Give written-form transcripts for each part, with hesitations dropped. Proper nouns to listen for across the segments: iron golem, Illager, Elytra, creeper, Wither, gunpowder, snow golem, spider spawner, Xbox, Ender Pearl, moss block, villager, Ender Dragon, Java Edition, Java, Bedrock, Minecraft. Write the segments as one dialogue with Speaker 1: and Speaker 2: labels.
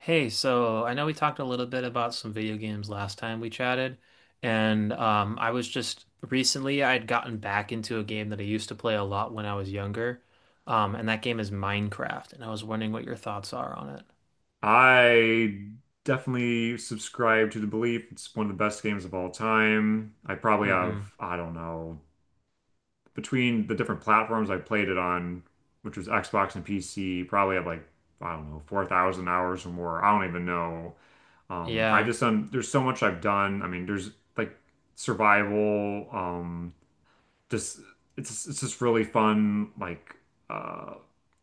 Speaker 1: Hey, so I know we talked a little bit about some video games last time we chatted, and I was just recently I had gotten back into a game that I used to play a lot when I was younger. And that game is Minecraft, and I was wondering what your thoughts are on it.
Speaker 2: I definitely subscribe to the belief it's one of the best games of all time. I probably have,
Speaker 1: Mm-hmm.
Speaker 2: I don't know, between the different platforms I played it on, which was Xbox and PC, probably have like, I don't know, 4,000 hours or more. I don't even know. I
Speaker 1: Yeah.
Speaker 2: just done, there's so much I've done. I mean, there's like survival, just it's just really fun like uh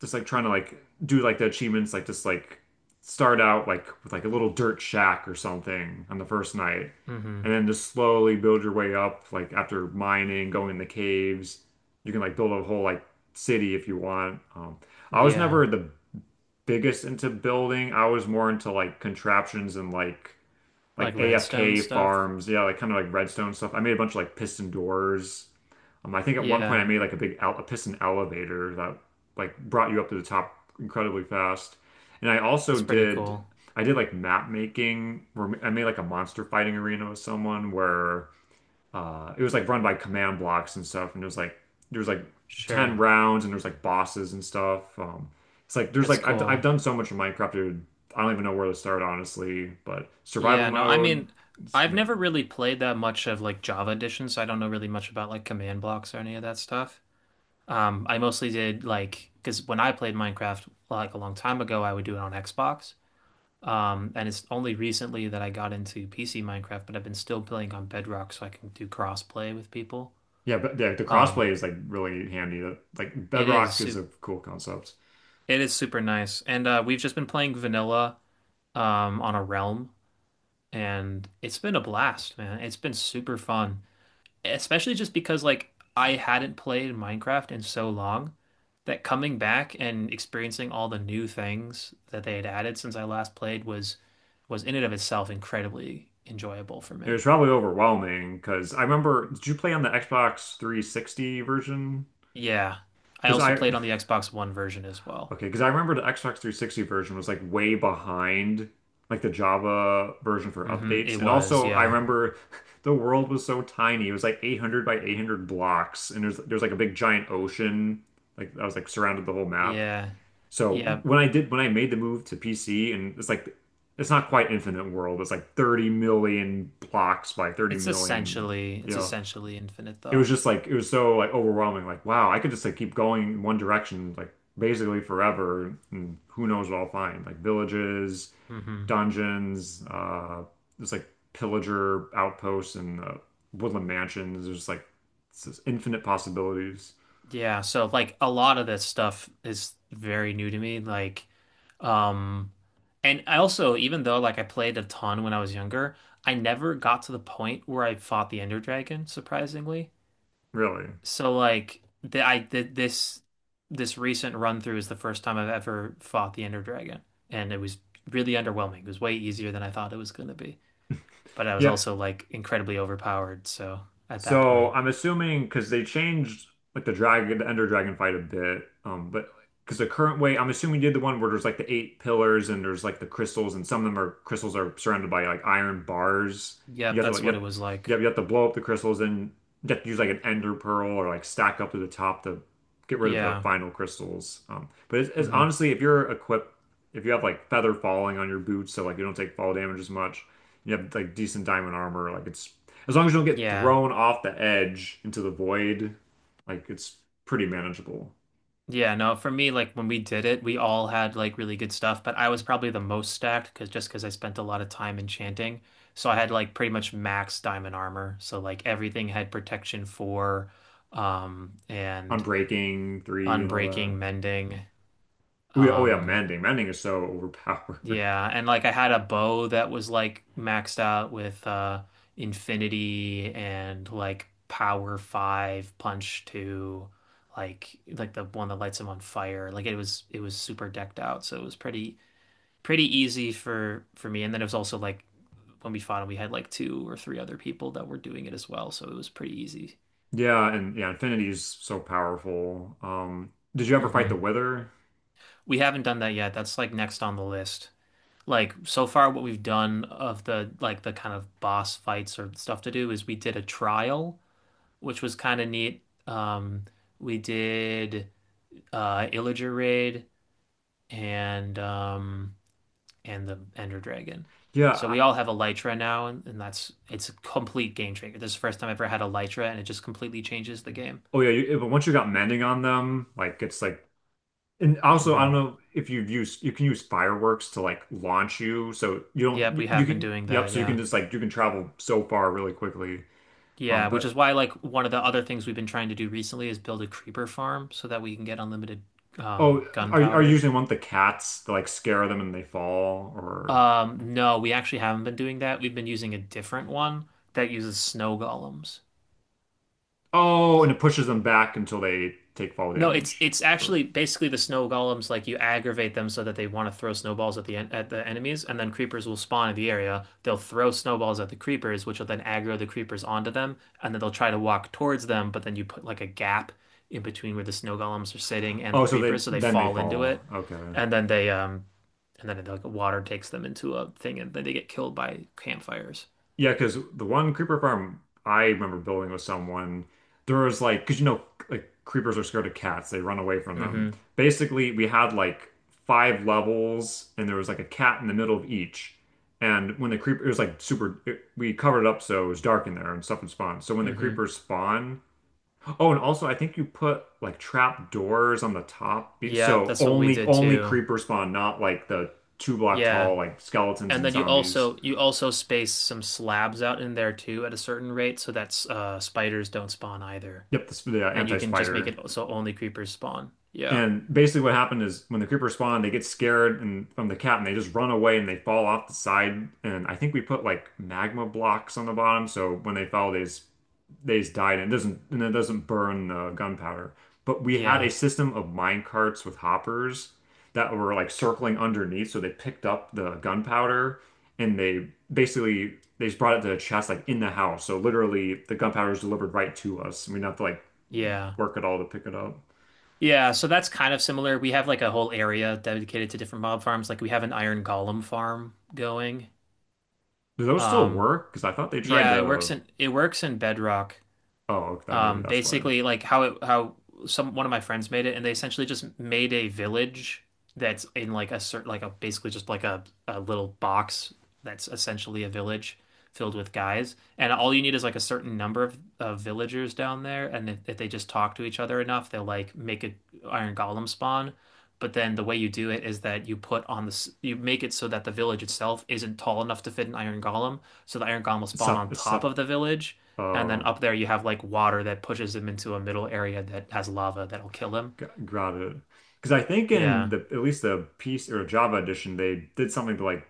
Speaker 2: just like trying to like do like the achievements like just like start out like with like a little dirt shack or something on the first night,
Speaker 1: Mm-hmm.
Speaker 2: and then just slowly build your way up like after mining going in the caves you can like build a whole like city if you want. I was
Speaker 1: Yeah.
Speaker 2: never the biggest into building. I was more into like contraptions and like
Speaker 1: Like redstone
Speaker 2: AFK
Speaker 1: stuff.
Speaker 2: farms, yeah, like kind of like redstone stuff. I made a bunch of like piston doors. I think at one point I
Speaker 1: Yeah,
Speaker 2: made like a big el a piston elevator that like brought you up to the top incredibly fast. And I also
Speaker 1: that's pretty
Speaker 2: did
Speaker 1: cool.
Speaker 2: I did like map making where I made like a monster fighting arena with someone where it was like run by command blocks and stuff, and it was like there was like 10
Speaker 1: Sure.
Speaker 2: rounds and there's like bosses and stuff. It's like there's
Speaker 1: That's
Speaker 2: like I've
Speaker 1: cool.
Speaker 2: done so much in Minecraft, dude. I don't even know where to start, honestly, but survival
Speaker 1: Yeah, no, I
Speaker 2: mode
Speaker 1: mean,
Speaker 2: it's
Speaker 1: I've
Speaker 2: amazing.
Speaker 1: never really played that much of like Java Edition, so I don't know really much about like command blocks or any of that stuff. I mostly did like because when I played Minecraft like a long time ago, I would do it on Xbox. And it's only recently that I got into PC Minecraft, but I've been still playing on Bedrock so I can do crossplay with people.
Speaker 2: Yeah, but the crossplay
Speaker 1: Um,
Speaker 2: is like really handy. The- Like
Speaker 1: it is
Speaker 2: Bedrock is
Speaker 1: super,
Speaker 2: a cool concept.
Speaker 1: it is super nice. And we've just been playing vanilla on a realm, and it's been a blast, man. It's been super fun, especially just because like I hadn't played Minecraft in so long that coming back and experiencing all the new things that they had added since I last played was in and of itself incredibly enjoyable for
Speaker 2: It
Speaker 1: me.
Speaker 2: was probably overwhelming because I remember, did you play on the Xbox 360 version?
Speaker 1: Yeah. I
Speaker 2: Because
Speaker 1: also
Speaker 2: I,
Speaker 1: played on the Xbox One version as well.
Speaker 2: okay, because I remember the Xbox 360 version was like way behind like the Java version for
Speaker 1: Hmm.
Speaker 2: updates.
Speaker 1: It
Speaker 2: And
Speaker 1: was,
Speaker 2: also, I
Speaker 1: yeah.
Speaker 2: remember the world was so tiny. It was like 800 by 800 blocks, and there's like a big giant ocean. Like I was like surrounded the whole map.
Speaker 1: Yeah.
Speaker 2: So
Speaker 1: Yeah.
Speaker 2: when I did when I made the move to PC and it's like it's not quite infinite world. It's like 30 million blocks by 30
Speaker 1: It's
Speaker 2: million,
Speaker 1: essentially
Speaker 2: you
Speaker 1: it's
Speaker 2: know.
Speaker 1: essentially infinite
Speaker 2: It was
Speaker 1: though.
Speaker 2: just like it was so like overwhelming like wow, I could just like keep going in one direction like basically forever and who knows what I'll find. Like villages,
Speaker 1: Hmm.
Speaker 2: dungeons, there's like pillager outposts and woodland mansions. There's like it's just infinite possibilities,
Speaker 1: Yeah, so like a lot of this stuff is very new to me. Like, um And I also, even though like I played a ton when I was younger, I never got to the point where I fought the Ender Dragon, surprisingly.
Speaker 2: really.
Speaker 1: So like the I did this recent run through is the first time I've ever fought the Ender Dragon, and it was really underwhelming. It was way easier than I thought it was going to be, but I was
Speaker 2: Yeah,
Speaker 1: also like incredibly overpowered. So at that
Speaker 2: so
Speaker 1: point,
Speaker 2: I'm assuming because they changed like the dragon, the Ender Dragon fight a bit, but because the current way, I'm assuming you did the one where there's like the eight pillars and there's like the crystals, and some of them are crystals are surrounded by like iron bars. You
Speaker 1: yep,
Speaker 2: have to like
Speaker 1: that's what it was like.
Speaker 2: you have to blow up the crystals, and you have to use like an Ender Pearl or like stack up to the top to get rid of the
Speaker 1: Yeah.
Speaker 2: final crystals. But it's
Speaker 1: Hmm.
Speaker 2: honestly, if you're equipped, if you have like feather falling on your boots, so like you don't take fall damage as much, you have like decent diamond armor, like it's as long as you don't get
Speaker 1: Yeah.
Speaker 2: thrown off the edge into the void, like it's pretty manageable.
Speaker 1: Yeah, no, for me, like when we did it, we all had like really good stuff, but I was probably the most stacked because just because I spent a lot of time enchanting. So I had like pretty much max diamond armor. So like everything had protection four,
Speaker 2: On
Speaker 1: and
Speaker 2: breaking three and all that.
Speaker 1: unbreaking, mending,
Speaker 2: Oh yeah, oh yeah,
Speaker 1: um,
Speaker 2: mending. Mending is so overpowered.
Speaker 1: yeah, and like I had a bow that was like maxed out with infinity and like power five, punch two, like the one that lights him on fire. Like it was super decked out, so it was pretty easy for me. And then it was also like when we fought him, we had like two or three other people that were doing it as well, so it was pretty easy.
Speaker 2: Yeah, and yeah, infinity is so powerful. Did you ever fight the
Speaker 1: Hmm.
Speaker 2: Wither?
Speaker 1: We haven't done that yet. That's like next on the list. Like so far what we've done of the like the kind of boss fights or stuff to do is we did a trial, which was kind of neat. We did Illager raid, and um and the Ender Dragon.
Speaker 2: Yeah.
Speaker 1: So we all have Elytra now, and that's it's a complete game changer. This is the first time I've ever had Elytra, and it just completely changes the game.
Speaker 2: Oh yeah, you, but once you got mending on them, like it's like and also I don't
Speaker 1: Hmm.
Speaker 2: know if you've used you can use fireworks to like launch you so you don't
Speaker 1: Yep, we
Speaker 2: you
Speaker 1: have been
Speaker 2: can
Speaker 1: doing
Speaker 2: yep,
Speaker 1: that,
Speaker 2: so you can
Speaker 1: yeah.
Speaker 2: just like you can travel so far really quickly.
Speaker 1: Yeah, which is
Speaker 2: But
Speaker 1: why like one of the other things we've been trying to do recently is build a creeper farm so that we can get unlimited
Speaker 2: Oh, are you
Speaker 1: gunpowder.
Speaker 2: usually want the cats to like scare them and they fall? Or
Speaker 1: No, we actually haven't been doing that. We've been using a different one that uses snow golems.
Speaker 2: oh, and
Speaker 1: So
Speaker 2: it pushes them back until they take fall
Speaker 1: no, it's
Speaker 2: damage?
Speaker 1: it's
Speaker 2: Or
Speaker 1: actually basically the snow golems, like you aggravate them so that they want to throw snowballs at the en at the enemies, and then creepers will spawn in the area. They'll throw snowballs at the creepers, which will then aggro the creepers onto them, and then they'll try to walk towards them, but then you put like a gap in between where the snow golems are sitting and the
Speaker 2: oh, so they
Speaker 1: creepers so they
Speaker 2: then they
Speaker 1: fall into
Speaker 2: fall.
Speaker 1: it,
Speaker 2: Okay.
Speaker 1: and then they um and then like water takes them into a thing and then they get killed by campfires.
Speaker 2: Yeah, because the one creeper farm I remember building with someone, there was like because you know like creepers are scared of cats, they run away from them.
Speaker 1: Mm-hmm.
Speaker 2: Basically, we had like 5 levels and there was like a cat in the middle of each. And when the creeper, it was like super, it, we covered it up so it was dark in there and stuff would spawn. So when the
Speaker 1: Mm-hmm.
Speaker 2: creepers spawn, oh, and also I think you put like trap doors on the top, be-
Speaker 1: Yeah,
Speaker 2: so
Speaker 1: that's what we
Speaker 2: only
Speaker 1: did
Speaker 2: only
Speaker 1: too.
Speaker 2: creeper spawn, not like the two block
Speaker 1: Yeah.
Speaker 2: tall like skeletons
Speaker 1: And
Speaker 2: and
Speaker 1: then you
Speaker 2: zombies.
Speaker 1: also you also space some slabs out in there too at a certain rate so that spiders don't spawn either.
Speaker 2: Yep, the, sp- the
Speaker 1: And you can just make
Speaker 2: anti-spider.
Speaker 1: it so only creepers spawn. Yeah.
Speaker 2: And basically, what happened is when the creepers spawn, they get scared and from the cat, and they just run away and they fall off the side. And I think we put like magma blocks on the bottom, so when they fell, they just died, and it doesn't burn the gunpowder. But we had a
Speaker 1: Yeah.
Speaker 2: system of mine carts with hoppers that were like circling underneath, so they picked up the gunpowder and they basically they just brought it to a chest like in the house. So literally, the gunpowder is delivered right to us, and we didn't have to like
Speaker 1: Yeah.
Speaker 2: work at all to pick it up.
Speaker 1: Yeah, so that's kind of similar. We have like a whole area dedicated to different mob farms. Like we have an iron golem farm going.
Speaker 2: Do those still
Speaker 1: Um
Speaker 2: work? Because I thought they tried
Speaker 1: yeah, it works
Speaker 2: to.
Speaker 1: in it works in Bedrock.
Speaker 2: Oh, okay, that maybe that's why.
Speaker 1: Basically, like how some one of my friends made it, and they essentially just made a village that's in like a certain like a basically just like a little box that's essentially a village filled with guys, and all you need is like a certain number of villagers down there, and if they just talk to each other enough, they'll like make a iron golem spawn. But then the way you do it is that you put on this, you make it so that the village itself isn't tall enough to fit an iron golem. So the iron golem will spawn on
Speaker 2: It's
Speaker 1: top
Speaker 2: up.
Speaker 1: of the village. And then
Speaker 2: Oh,
Speaker 1: up there you have like water that pushes him into a middle area that has lava that'll kill him.
Speaker 2: got it. Because I think in
Speaker 1: Yeah.
Speaker 2: the at least the piece or Java edition, they did something to like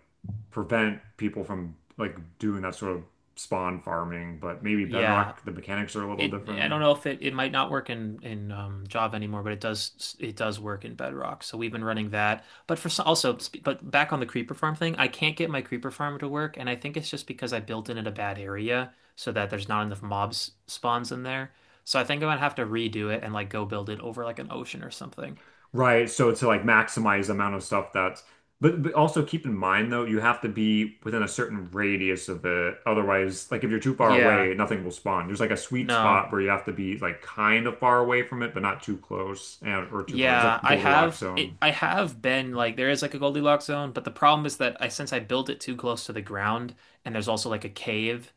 Speaker 2: prevent people from like doing that sort of spawn farming. But maybe
Speaker 1: Yeah.
Speaker 2: Bedrock, the mechanics are a little
Speaker 1: It I
Speaker 2: different.
Speaker 1: don't know if it might not work in Java anymore, but it does work in Bedrock. So we've been running that. But for some, also, but back on the creeper farm thing, I can't get my creeper farm to work, and I think it's just because I built in at a bad area so that there's not enough mobs spawns in there. So I think I'm gonna have to redo it and like go build it over like an ocean or something.
Speaker 2: Right. So to like maximize the amount of stuff that's, but also keep in mind though, you have to be within a certain radius of it. Otherwise, like if you're too far
Speaker 1: Yeah,
Speaker 2: away, nothing will spawn. There's like a sweet
Speaker 1: no.
Speaker 2: spot where you have to be like kind of far away from it, but not too close and or too far. It's like
Speaker 1: Yeah,
Speaker 2: Goldilocks zone.
Speaker 1: I have been like there is like a Goldilocks zone, but the problem is that I since I built it too close to the ground, and there's also like a cave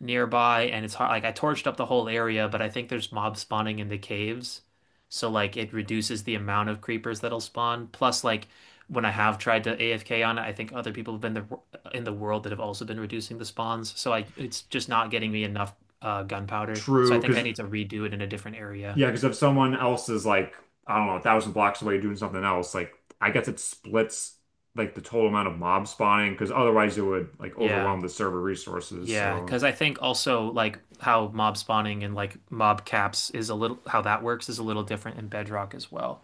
Speaker 1: nearby, and it's hard like I torched up the whole area, but I think there's mob spawning in the caves. So like it reduces the amount of creepers that'll spawn. Plus like when I have tried to AFK on it, I think other people in the world that have also been reducing the spawns. So I it's just not getting me enough gunpowder. So I
Speaker 2: True,
Speaker 1: think I
Speaker 2: because
Speaker 1: need to redo it in a different area.
Speaker 2: yeah, because if someone else is like, I don't know, 1,000 blocks away doing something else, like I guess it splits like the total amount of mob spawning, because otherwise it would like
Speaker 1: Yeah.
Speaker 2: overwhelm the server resources.
Speaker 1: Yeah,
Speaker 2: So,
Speaker 1: because I think also like how mob spawning and like mob caps is a little how that works is a little different in Bedrock as well.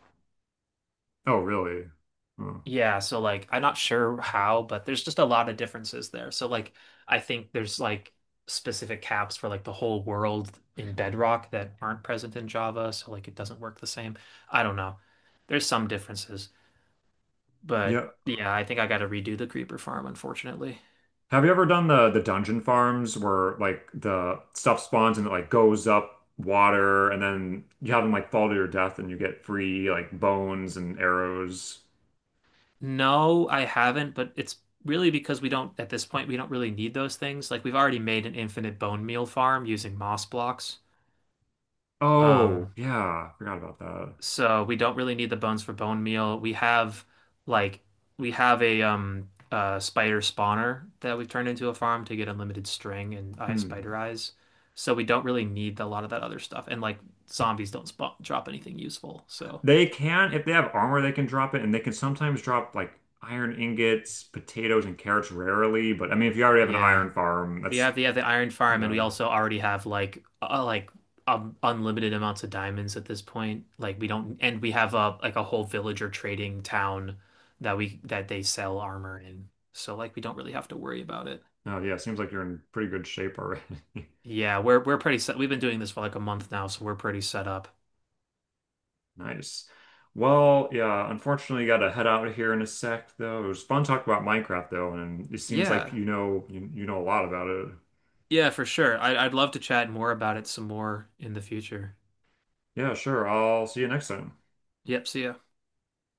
Speaker 2: oh really? Huh.
Speaker 1: Yeah, so like I'm not sure how, but there's just a lot of differences there. So like I think there's like specific caps for like the whole world in Bedrock that aren't present in Java, so like it doesn't work the same. I don't know. There's some differences, but
Speaker 2: Yeah.
Speaker 1: yeah, I think I got to redo the creeper farm, unfortunately.
Speaker 2: Have you ever done the dungeon farms where like the stuff spawns and it like goes up water and then you have them like fall to your death and you get free like bones and arrows?
Speaker 1: No, I haven't, but it's really because we don't, at this point, we don't really need those things. Like we've already made an infinite bone meal farm using moss blocks.
Speaker 2: Oh,
Speaker 1: Um,
Speaker 2: yeah. Forgot about that.
Speaker 1: so we don't really need the bones for bone meal. Like we have a spider spawner that we've turned into a farm to get unlimited string and eye
Speaker 2: Hmm.
Speaker 1: spider eyes. So we don't really need a lot of that other stuff. And like zombies don't spawn, drop anything useful. So
Speaker 2: They can, if they have armor, they can drop it and they can sometimes drop like iron ingots, potatoes, and carrots rarely. But I mean, if you already have an
Speaker 1: yeah.
Speaker 2: iron farm,
Speaker 1: We
Speaker 2: that's,
Speaker 1: have the, yeah, the iron
Speaker 2: you
Speaker 1: farm, and we
Speaker 2: know,
Speaker 1: also already have like unlimited amounts of diamonds at this point. Like we don't, and we have a like a whole villager trading town that we that they sell armor in. So like we don't really have to worry about it.
Speaker 2: oh yeah, seems like you're in pretty good shape already.
Speaker 1: Yeah, we're pretty set. We've been doing this for like a month now, so we're pretty set up.
Speaker 2: Nice. Well, yeah, unfortunately, gotta head out of here in a sec, though. It was fun talking about Minecraft, though, and it seems like
Speaker 1: Yeah,
Speaker 2: you know a lot about it.
Speaker 1: yeah, for sure. I'd love to chat more about it some more in the future.
Speaker 2: Yeah, sure. I'll see you next time.
Speaker 1: Yep, see ya.